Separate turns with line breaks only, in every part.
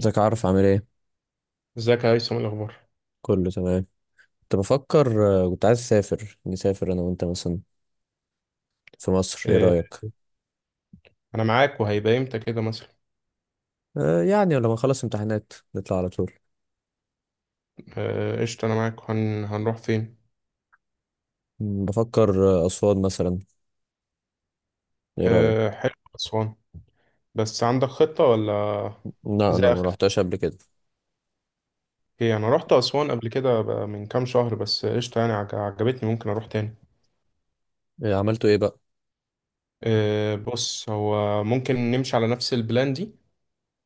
ازيك، عارف، عامل ايه؟
ازيك يا هيثم، إيه الاخبار؟
كله تمام. كنت بفكر، كنت عايز اسافر نسافر انا وانت مثلا في مصر. ايه
إيه،
رايك؟
انا معاك، وهيبقى امتى كده مثلا؟
يعني لما نخلص امتحانات نطلع على طول.
قشطه، انا معاك. هنروح فين؟
بفكر، اسوان مثلا. ايه رايك؟
حلو اسوان. بس عندك خطه ولا؟
لا،
زي
انا ما
اخر.
روحتهاش قبل كده.
ايه، انا رحت اسوان قبل كده بقى من كام شهر، بس قشطه يعني، عجبتني، ممكن اروح تاني.
إيه، عملتوا ايه بقى؟
بص، هو ممكن نمشي على نفس البلان دي.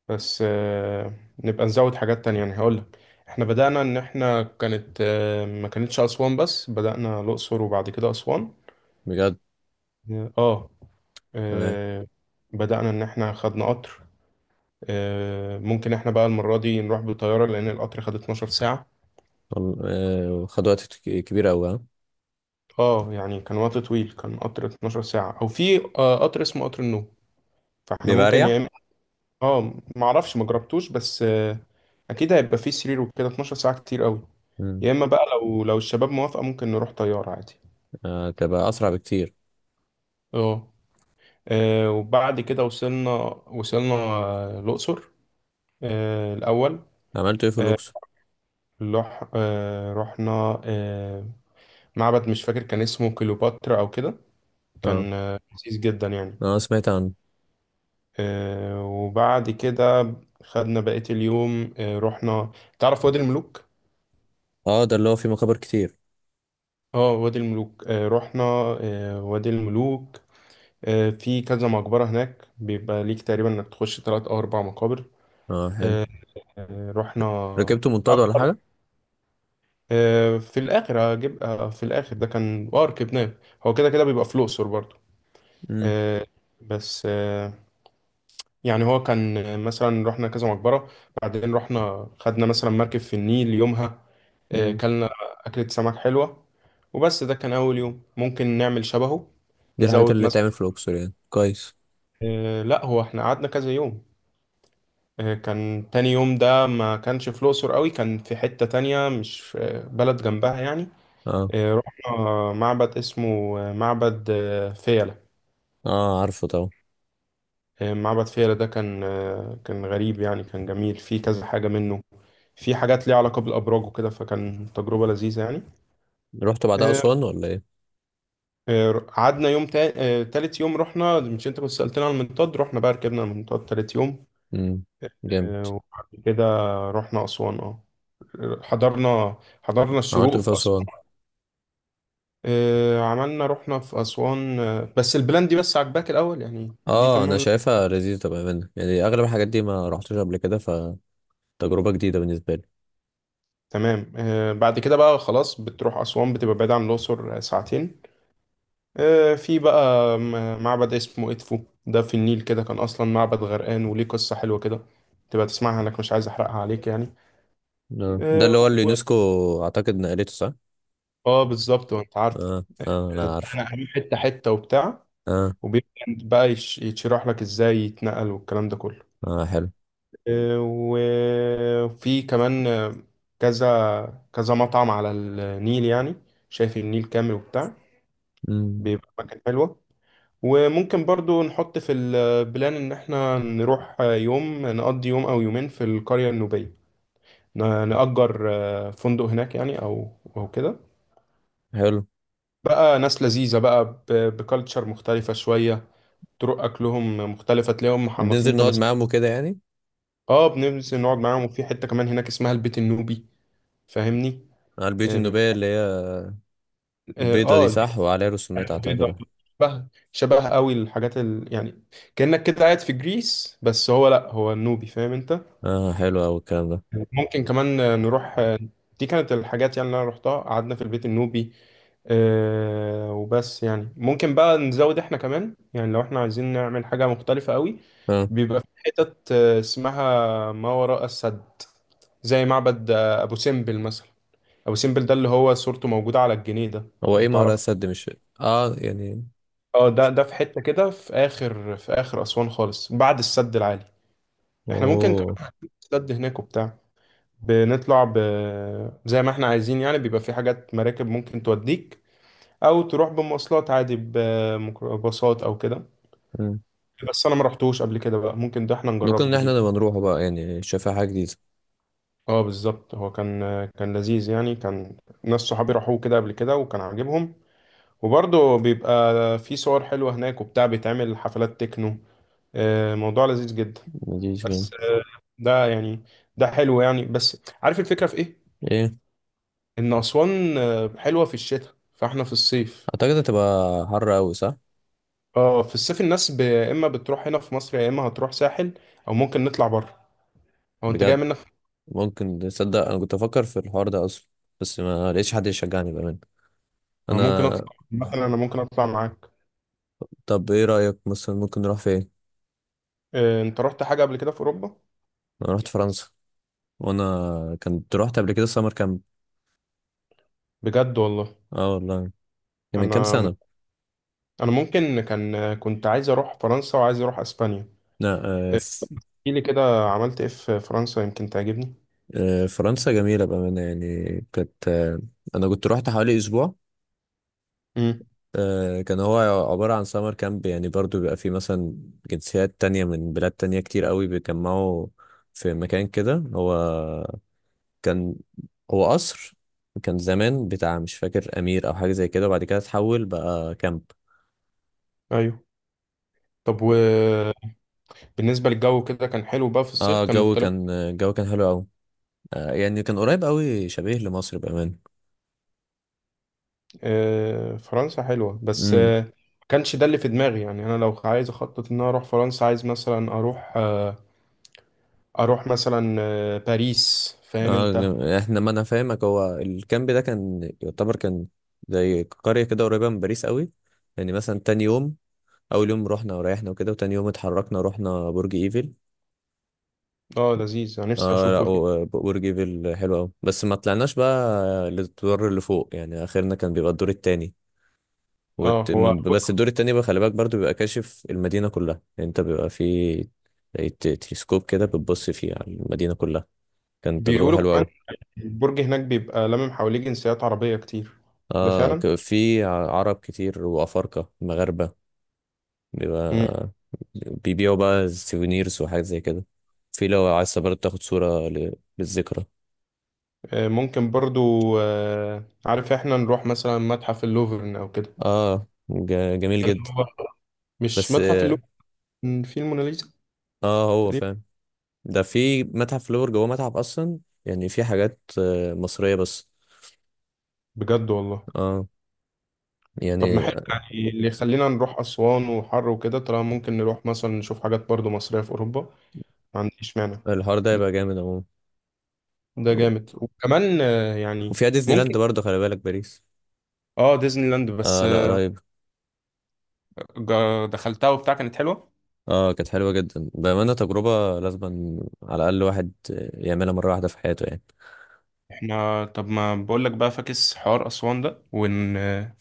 بس، نبقى نزود حاجات تانية. يعني هقول لك، احنا بدأنا ان احنا كانت، ما كانتش اسوان بس، بدأنا الاقصر وبعد كده اسوان.
بجد؟
إيه، اه.
تمام.
آه، بدأنا إن إحنا خدنا قطر. ممكن إحنا بقى المرة دي نروح بالطيارة، لأن القطر خد 12 ساعة.
وال- خد وقت كبير قوي، ها؟
يعني كان وقت طويل، كان قطر 12 ساعة، أو في قطر اسمه قطر النوم. فإحنا
بيبقى
ممكن، يا
اريح.
إما معرفش مجربتوش، بس، أكيد هيبقى فيه سرير وكده، 12 ساعة كتير قوي.
مم،
يا إما بقى، لو الشباب موافقة، ممكن نروح طيارة عادي.
تبقى اسرع بكتير.
آه. وبعد كده وصلنا الأقصر الأول.
عملتوا ايه في
آه،
الاقصر؟
رحنا معبد، مش فاكر كان اسمه كليوباترا او كده.
اه.
كان لذيذ جدا يعني.
اه، سمعت عنه.
وبعد كده خدنا بقية اليوم، رحنا. تعرف وادي الملوك؟
اه، ده اللي هو فيه مقابر كتير.
اه، وادي الملوك. رحنا وادي الملوك. في كذا مقبرة هناك، بيبقى ليك تقريبا انك تخش تلات او اربع مقابر.
اه، حلو.
رحنا
ركبتوا منطاد ولا
أكتر.
حاجه؟
في الاخر هجيب، في الاخر ده كان ركبناه. هو كده كده بيبقى في الاقصر برضه. آه، بس آه، يعني هو كان مثلا رحنا كذا مقبرة، بعدين رحنا خدنا مثلا مركب في النيل يومها،
امم.
كلنا أكلة سمك حلوة. وبس ده كان أول يوم، ممكن نعمل شبهه.
دي الحاجات
نزود
اللي تعمل
مثلا.
في الأقصر يعني كويس.
لا، هو احنا قعدنا كذا يوم. كان تاني يوم ده ما كانش في الأقصر قوي، كان في حتة تانية، مش في، بلد جنبها يعني.
اه.
رحنا معبد اسمه، معبد فيلة.
اه، عارفه طبعا.
معبد فيلة ده كان، كان غريب يعني، كان جميل، فيه كذا حاجة منه، في حاجات ليها علاقة بالأبراج وكده، فكان تجربة لذيذة يعني.
رحت بعدها
آه،
أسوان ولا ايه؟
قعدنا يوم تالت يوم رحنا. مش انت كنت سألتنا على المنطاد؟ رحنا بقى، ركبنا المنطاد تالت يوم.
امم. جامد.
وبعد كده رحنا أسوان. اه حضرنا، حضرنا
عملت
الشروق
ايه
في
في أسوان؟
أسوان. عملنا، رحنا في أسوان. بس البلان دي، بس عجباك الأول يعني؟ دي
اه، انا
تمام.
شايفها لذيذة بأمانة. يعني أغلب الحاجات دي ما رحتش قبل كده، فتجربة جديدة بالنسبة لي.
تمام. بعد كده بقى، خلاص، بتروح أسوان بتبقى بعيد عن الأقصر ساعتين. في بقى معبد اسمه إدفو، ده في النيل كده، كان أصلا معبد غرقان وليه قصة حلوة كده. تبقى تسمعها لك، مش عايز أحرقها عليك يعني.
ده
آه.
اللي هو
و...
اليونسكو أعتقد نقلته، صح؟
آه، بالظبط، وأنت عارف.
اه، اه،
آه،
أنا عارف.
أنا هروح حتة حتة وبتاع،
اه،
وبيبدأ بقى يشرح لك إزاي يتنقل والكلام ده كله.
اه، حلو.
وفي كمان كذا كذا مطعم على النيل يعني، شايف النيل كامل وبتاع،
امم.
بيبقى مكان حلوة. وممكن برضو نحط في البلان إن إحنا نروح يوم، نقضي يوم أو يومين في القرية النوبية، نأجر فندق هناك يعني، أو أو كده.
حلو.
بقى ناس لذيذة بقى، بكالتشر مختلفة شوية، طرق أكلهم مختلفة، تلاقيهم
ننزل
محنطين
نقعد
تماسيح.
معاهم وكده يعني.
اه، بننزل نقعد معاهم، وفي حتة كمان هناك اسمها البيت النوبي، فاهمني؟
على البيوت
اه،
النوبية اللي هي البيضة دي،
البيت
صح؟ وعليها رسومات
البيضاء.
أعتقد.
شبه شبه قوي الحاجات يعني كأنك كده قاعد في جريس، بس هو لأ، هو النوبي، فاهم انت.
اه، حلو أوي الكلام ده.
ممكن كمان نروح. دي كانت الحاجات يعني اللي انا رحتها، قعدنا في البيت النوبي. وبس يعني. ممكن بقى نزود احنا كمان يعني، لو احنا عايزين نعمل حاجة مختلفة قوي،
اه،
بيبقى في حتت اسمها ما وراء السد، زي معبد ابو سمبل مثلا. ابو سمبل ده اللي هو صورته موجودة على الجنيه ده،
هو
لو
ايه ما وراء
تعرف.
السد؟ مش... اه، يعني.
اه، ده في حتة كده، في اخر اسوان خالص، بعد السد العالي. احنا ممكن
اوه.
كمان السد هناك وبتاع، بنطلع زي ما احنا عايزين يعني. بيبقى في حاجات مراكب ممكن توديك، او تروح بمواصلات عادي بميكروباصات او كده.
مم.
بس انا ما رحتوش قبل كده بقى، ممكن ده احنا
ممكن
نجربه
ان
جديد.
احنا نبقى نروحه بقى يعني، شايفها حاجة جديدة.
اه، بالظبط، هو كان لذيذ يعني، كان ناس صحابي راحوه كده قبل كده وكان عاجبهم. وبرضه بيبقى في صور حلوة هناك وبتاع، بيتعمل حفلات تكنو. موضوع لذيذ جدا.
مديش جيم.
بس، ده يعني، ده حلو يعني. بس عارف الفكرة في ايه؟
ايه؟
ان اسوان حلوة في الشتاء، فاحنا في الصيف.
اعتقد هتبقى حر اوي، صح؟
اه، في الصيف الناس اما بتروح هنا في مصر، يا اما هتروح ساحل، او ممكن نطلع بره، او انت جاي
بجد؟
منك.
ممكن تصدق، انا كنت افكر في الحوار ده اصلا. بس ما لقيتش حد يشجعني بامان.
أو ممكن اطلع،
انا...
مثلا انا ممكن اطلع معاك.
طب ايه رأيك؟ مثلا ممكن نروح فين؟
إيه، انت رحت حاجه قبل كده في اوروبا؟
انا رحت فرنسا. وانا كنت رحت قبل كده سمر كامب.
بجد والله.
اه، والله. كان من كام
انا،
سنة.
انا ممكن كان كنت عايز اروح فرنسا وعايز اروح اسبانيا.
لا. آه،
إيه،
ف-
احكي لي كده، عملت ايه في فرنسا يمكن تعجبني.
فرنسا جميلة بأمانة يعني. كانت آه، أنا كنت رحت حوالي أسبوع.
امم.
كان هو عبارة عن سمر كامب. يعني برضو بيبقى فيه مثلا جنسيات تانية من بلاد تانية كتير قوي بيتجمعوا في مكان كده. هو كان، هو قصر كان زمان بتاع مش فاكر أمير أو حاجة زي كده، وبعد كده اتحول بقى كامب.
ايوه، طب وبالنسبه للجو كده، كان حلو بقى في الصيف؟
اه،
كان
الجو
مختلف؟
كان الجو كان حلو قوي. يعني كان قريب قوي شبيه لمصر بأمان.
فرنسا حلوة، بس
امم.
ما كانش ده اللي في دماغي يعني. أنا لو عايز أخطط إن أنا أروح فرنسا، عايز مثلا أروح، أروح مثلا باريس، فاهم
اه،
أنت؟
احنا ما انا فاهمك. هو الكامب ده كان يعتبر كان زي قرية كده قريبة من باريس قوي. يعني مثلا، تاني يوم اول يوم رحنا وريحنا وكده، وتاني يوم اتحركنا رحنا برج ايفل.
أه، لذيذ، أنا نفسي
اه،
أشوف
لا،
برج.
برج ايفل حلو قوي، بس ما طلعناش بقى للدور اللي فوق. يعني اخرنا كان بيبقى الدور التاني
أه،
وت...
هو
بس الدور التاني بقى، خلي بالك، برضو بيبقى كاشف المدينة كلها. يعني انت بيبقى في زي تلسكوب كده بتبص فيه على المدينة كلها. كانت تجربة
بيقولوا
حلوة
كمان
قوي.
البرج هناك بيبقى لامم حواليه جنسيات عربية كتير. ده
اه،
فعلا؟
في عرب كتير، وافارقة مغاربة.
مم.
بيبقى. بيبيعوا بقى سيفونيرز وحاجات زي كده. في لو عايز برضه تاخد صورة للذكرى.
ممكن برضو. عارف إحنا نروح مثلا متحف اللوفر أو كده،
اه، جميل
اللي
جدا.
هو، مش
بس
متحف
اه،
اللوفر، في الموناليزا،
هو
تقريبا.
فاهم. ده في متحف لور جوه متحف اصلا. يعني في حاجات مصرية بس.
بجد والله.
اه.
طب ما
يعني
حلو يعني، اللي يخلينا نروح أسوان وحر وكده، طالما ممكن نروح مثلا نشوف حاجات برضو مصرية في أوروبا، ما عنديش مانع.
الحوار ده يبقى جامد عموما.
ده جامد، وكمان يعني
وفيها ديزني
ممكن.
لاند برضه، خلي بالك، باريس.
اه، ديزني لاند، بس
اه، لا، رهيب.
دخلتها وبتاع، كانت حلوة.
اه، كانت حلوة جدا بأمانة. تجربة لازم على الأقل واحد يعملها مرة واحدة في حياته يعني.
احنا، طب ما بقولك بقى، فاكس حوار أسوان ده ونروح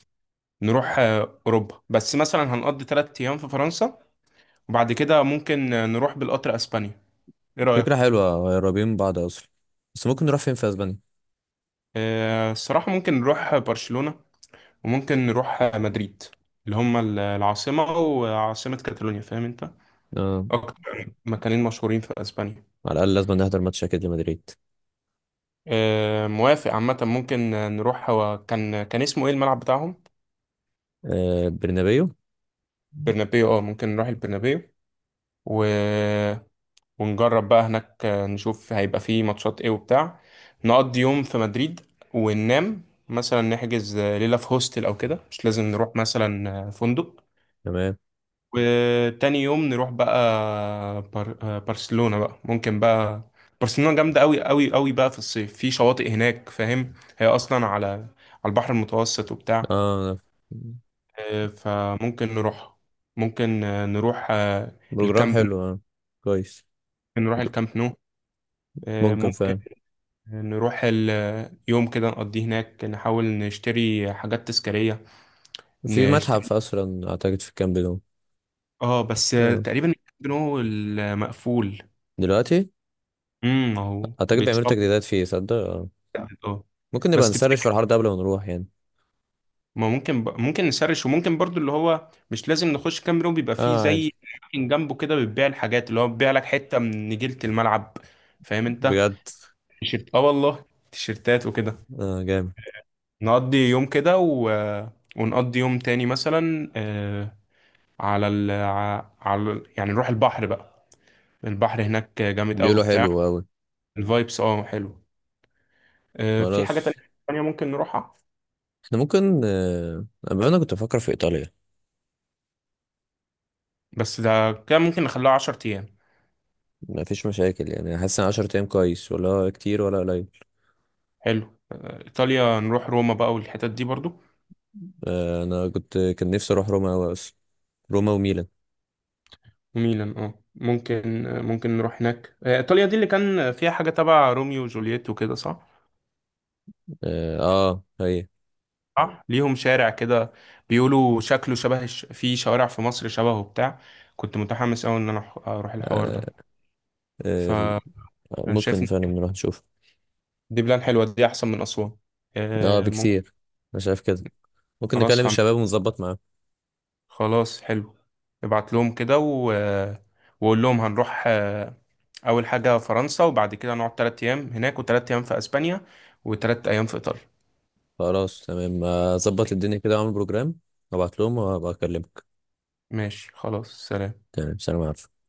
أوروبا. بس مثلا هنقضي 3 أيام في فرنسا، وبعد كده ممكن نروح بالقطر أسبانيا، ايه
فكرة
رأيك؟
حلوة، قريبين من بعض أصلا. بس ممكن نروح فين في أسبانيا؟
الصراحة ممكن نروح برشلونة، وممكن نروح مدريد، اللي هم العاصمة وعاصمة كاتالونيا، فاهم انت.
اه،
أكتر مكانين مشهورين في أسبانيا.
على الأقل لازم نحضر ماتش أكيد لمدريد.
موافق. عامة ممكن نروح، هو كان اسمه ايه الملعب بتاعهم؟
برنابيو.
برنابيو. اه، ممكن نروح البرنابيو و... ونجرب بقى هناك، نشوف هيبقى فيه ماتشات ايه وبتاع. نقضي يوم في مدريد وننام، مثلا نحجز ليلة في هوستل أو كده، مش لازم نروح مثلا فندق.
تمام.
وتاني يوم نروح بقى بر... آه، برشلونة بقى. ممكن بقى، برشلونة جامدة قوي قوي قوي بقى في الصيف، في شواطئ هناك، فاهم هي أصلا على البحر المتوسط وبتاع.
اه،
فممكن نروح، ممكن نروح
بروجرام
الكامب نو.
حلو. اه، كويس.
ممكن نروح
ممكن.
الكامب نو.
ممكن
ممكن
فعلا.
نروح يوم كده نقضيه هناك، نحاول نشتري حاجات تذكارية،
في
نشتري.
متحف اصلا اعتقد في الكامب ده.
اه بس،
اه.
تقريبا الكامب نو المقفول.
دلوقتي.
اهو
اعتقد بيعملوا
بيتصل.
تجديدات فيه، صدق. اه.
اه
ممكن نبقى
بس
نسرش في
تفتكر،
الحوار ده قبل ما نروح يعني.
ما ممكن ممكن نسرش. وممكن برضو اللي هو مش لازم نخش كام روم، بيبقى فيه
اه، عادي.
زي أماكن جنبه كده بتبيع الحاجات، اللي هو بيبيع لك حتة من نجيلة الملعب، فاهم انت.
بجد؟
تيشيرت، اه والله، تيشيرتات وكده.
اه، جامد.
نقضي يوم كده ونقضي يوم تاني مثلا، على ال... ع- على ال- يعني نروح البحر بقى. البحر هناك جامد قوي
بيقولوا
بتاع،
حلو قوي.
الفايبس، اه حلو. في حاجة
خلاص.
تانية ممكن نروحها،
احنا ممكن أما انا كنت بفكر في ايطاليا.
بس ده كده ممكن نخليها 10 أيام.
مفيش مشاكل يعني. حاسس ان 10 ايام كويس ولا هو كتير ولا قليل؟
حلو. ايطاليا نروح روما بقى، والحتت دي برضو،
انا كنت كان نفسي اروح روما قوي اصلا. روما وميلان.
وميلان. اه، ممكن نروح هناك. ايطاليا دي اللي كان فيها حاجة تبع روميو وجولييت وكده، صح؟
اه، هي.
صح، ليهم شارع كده، بيقولوا شكله شبه في شوارع في مصر شبهه بتاع. كنت متحمس قوي ان انا اروح الحوار
آه،
ده.
آه،
فانا شايف
ممكن
إن
فعلا نروح نشوف.
دي بلان حلوة، دي احسن من اسوان.
اه،
ممكن.
بكتير. انا شايف كده. ممكن نكلم
خلاص،
الشباب ونظبط معاهم.
خلاص حلو. ابعت لهم كده وقول لهم هنروح، اول حاجه فرنسا، وبعد كده نقعد 3 ايام هناك، و3 ايام في اسبانيا، و3 ايام في ايطاليا.
خلاص تمام. اظبط الدنيا كده واعمل بروجرام، وابعت لهم وابقى اكلمك.
ماشي، خلاص، سلام.
تمام، سلام عليكم.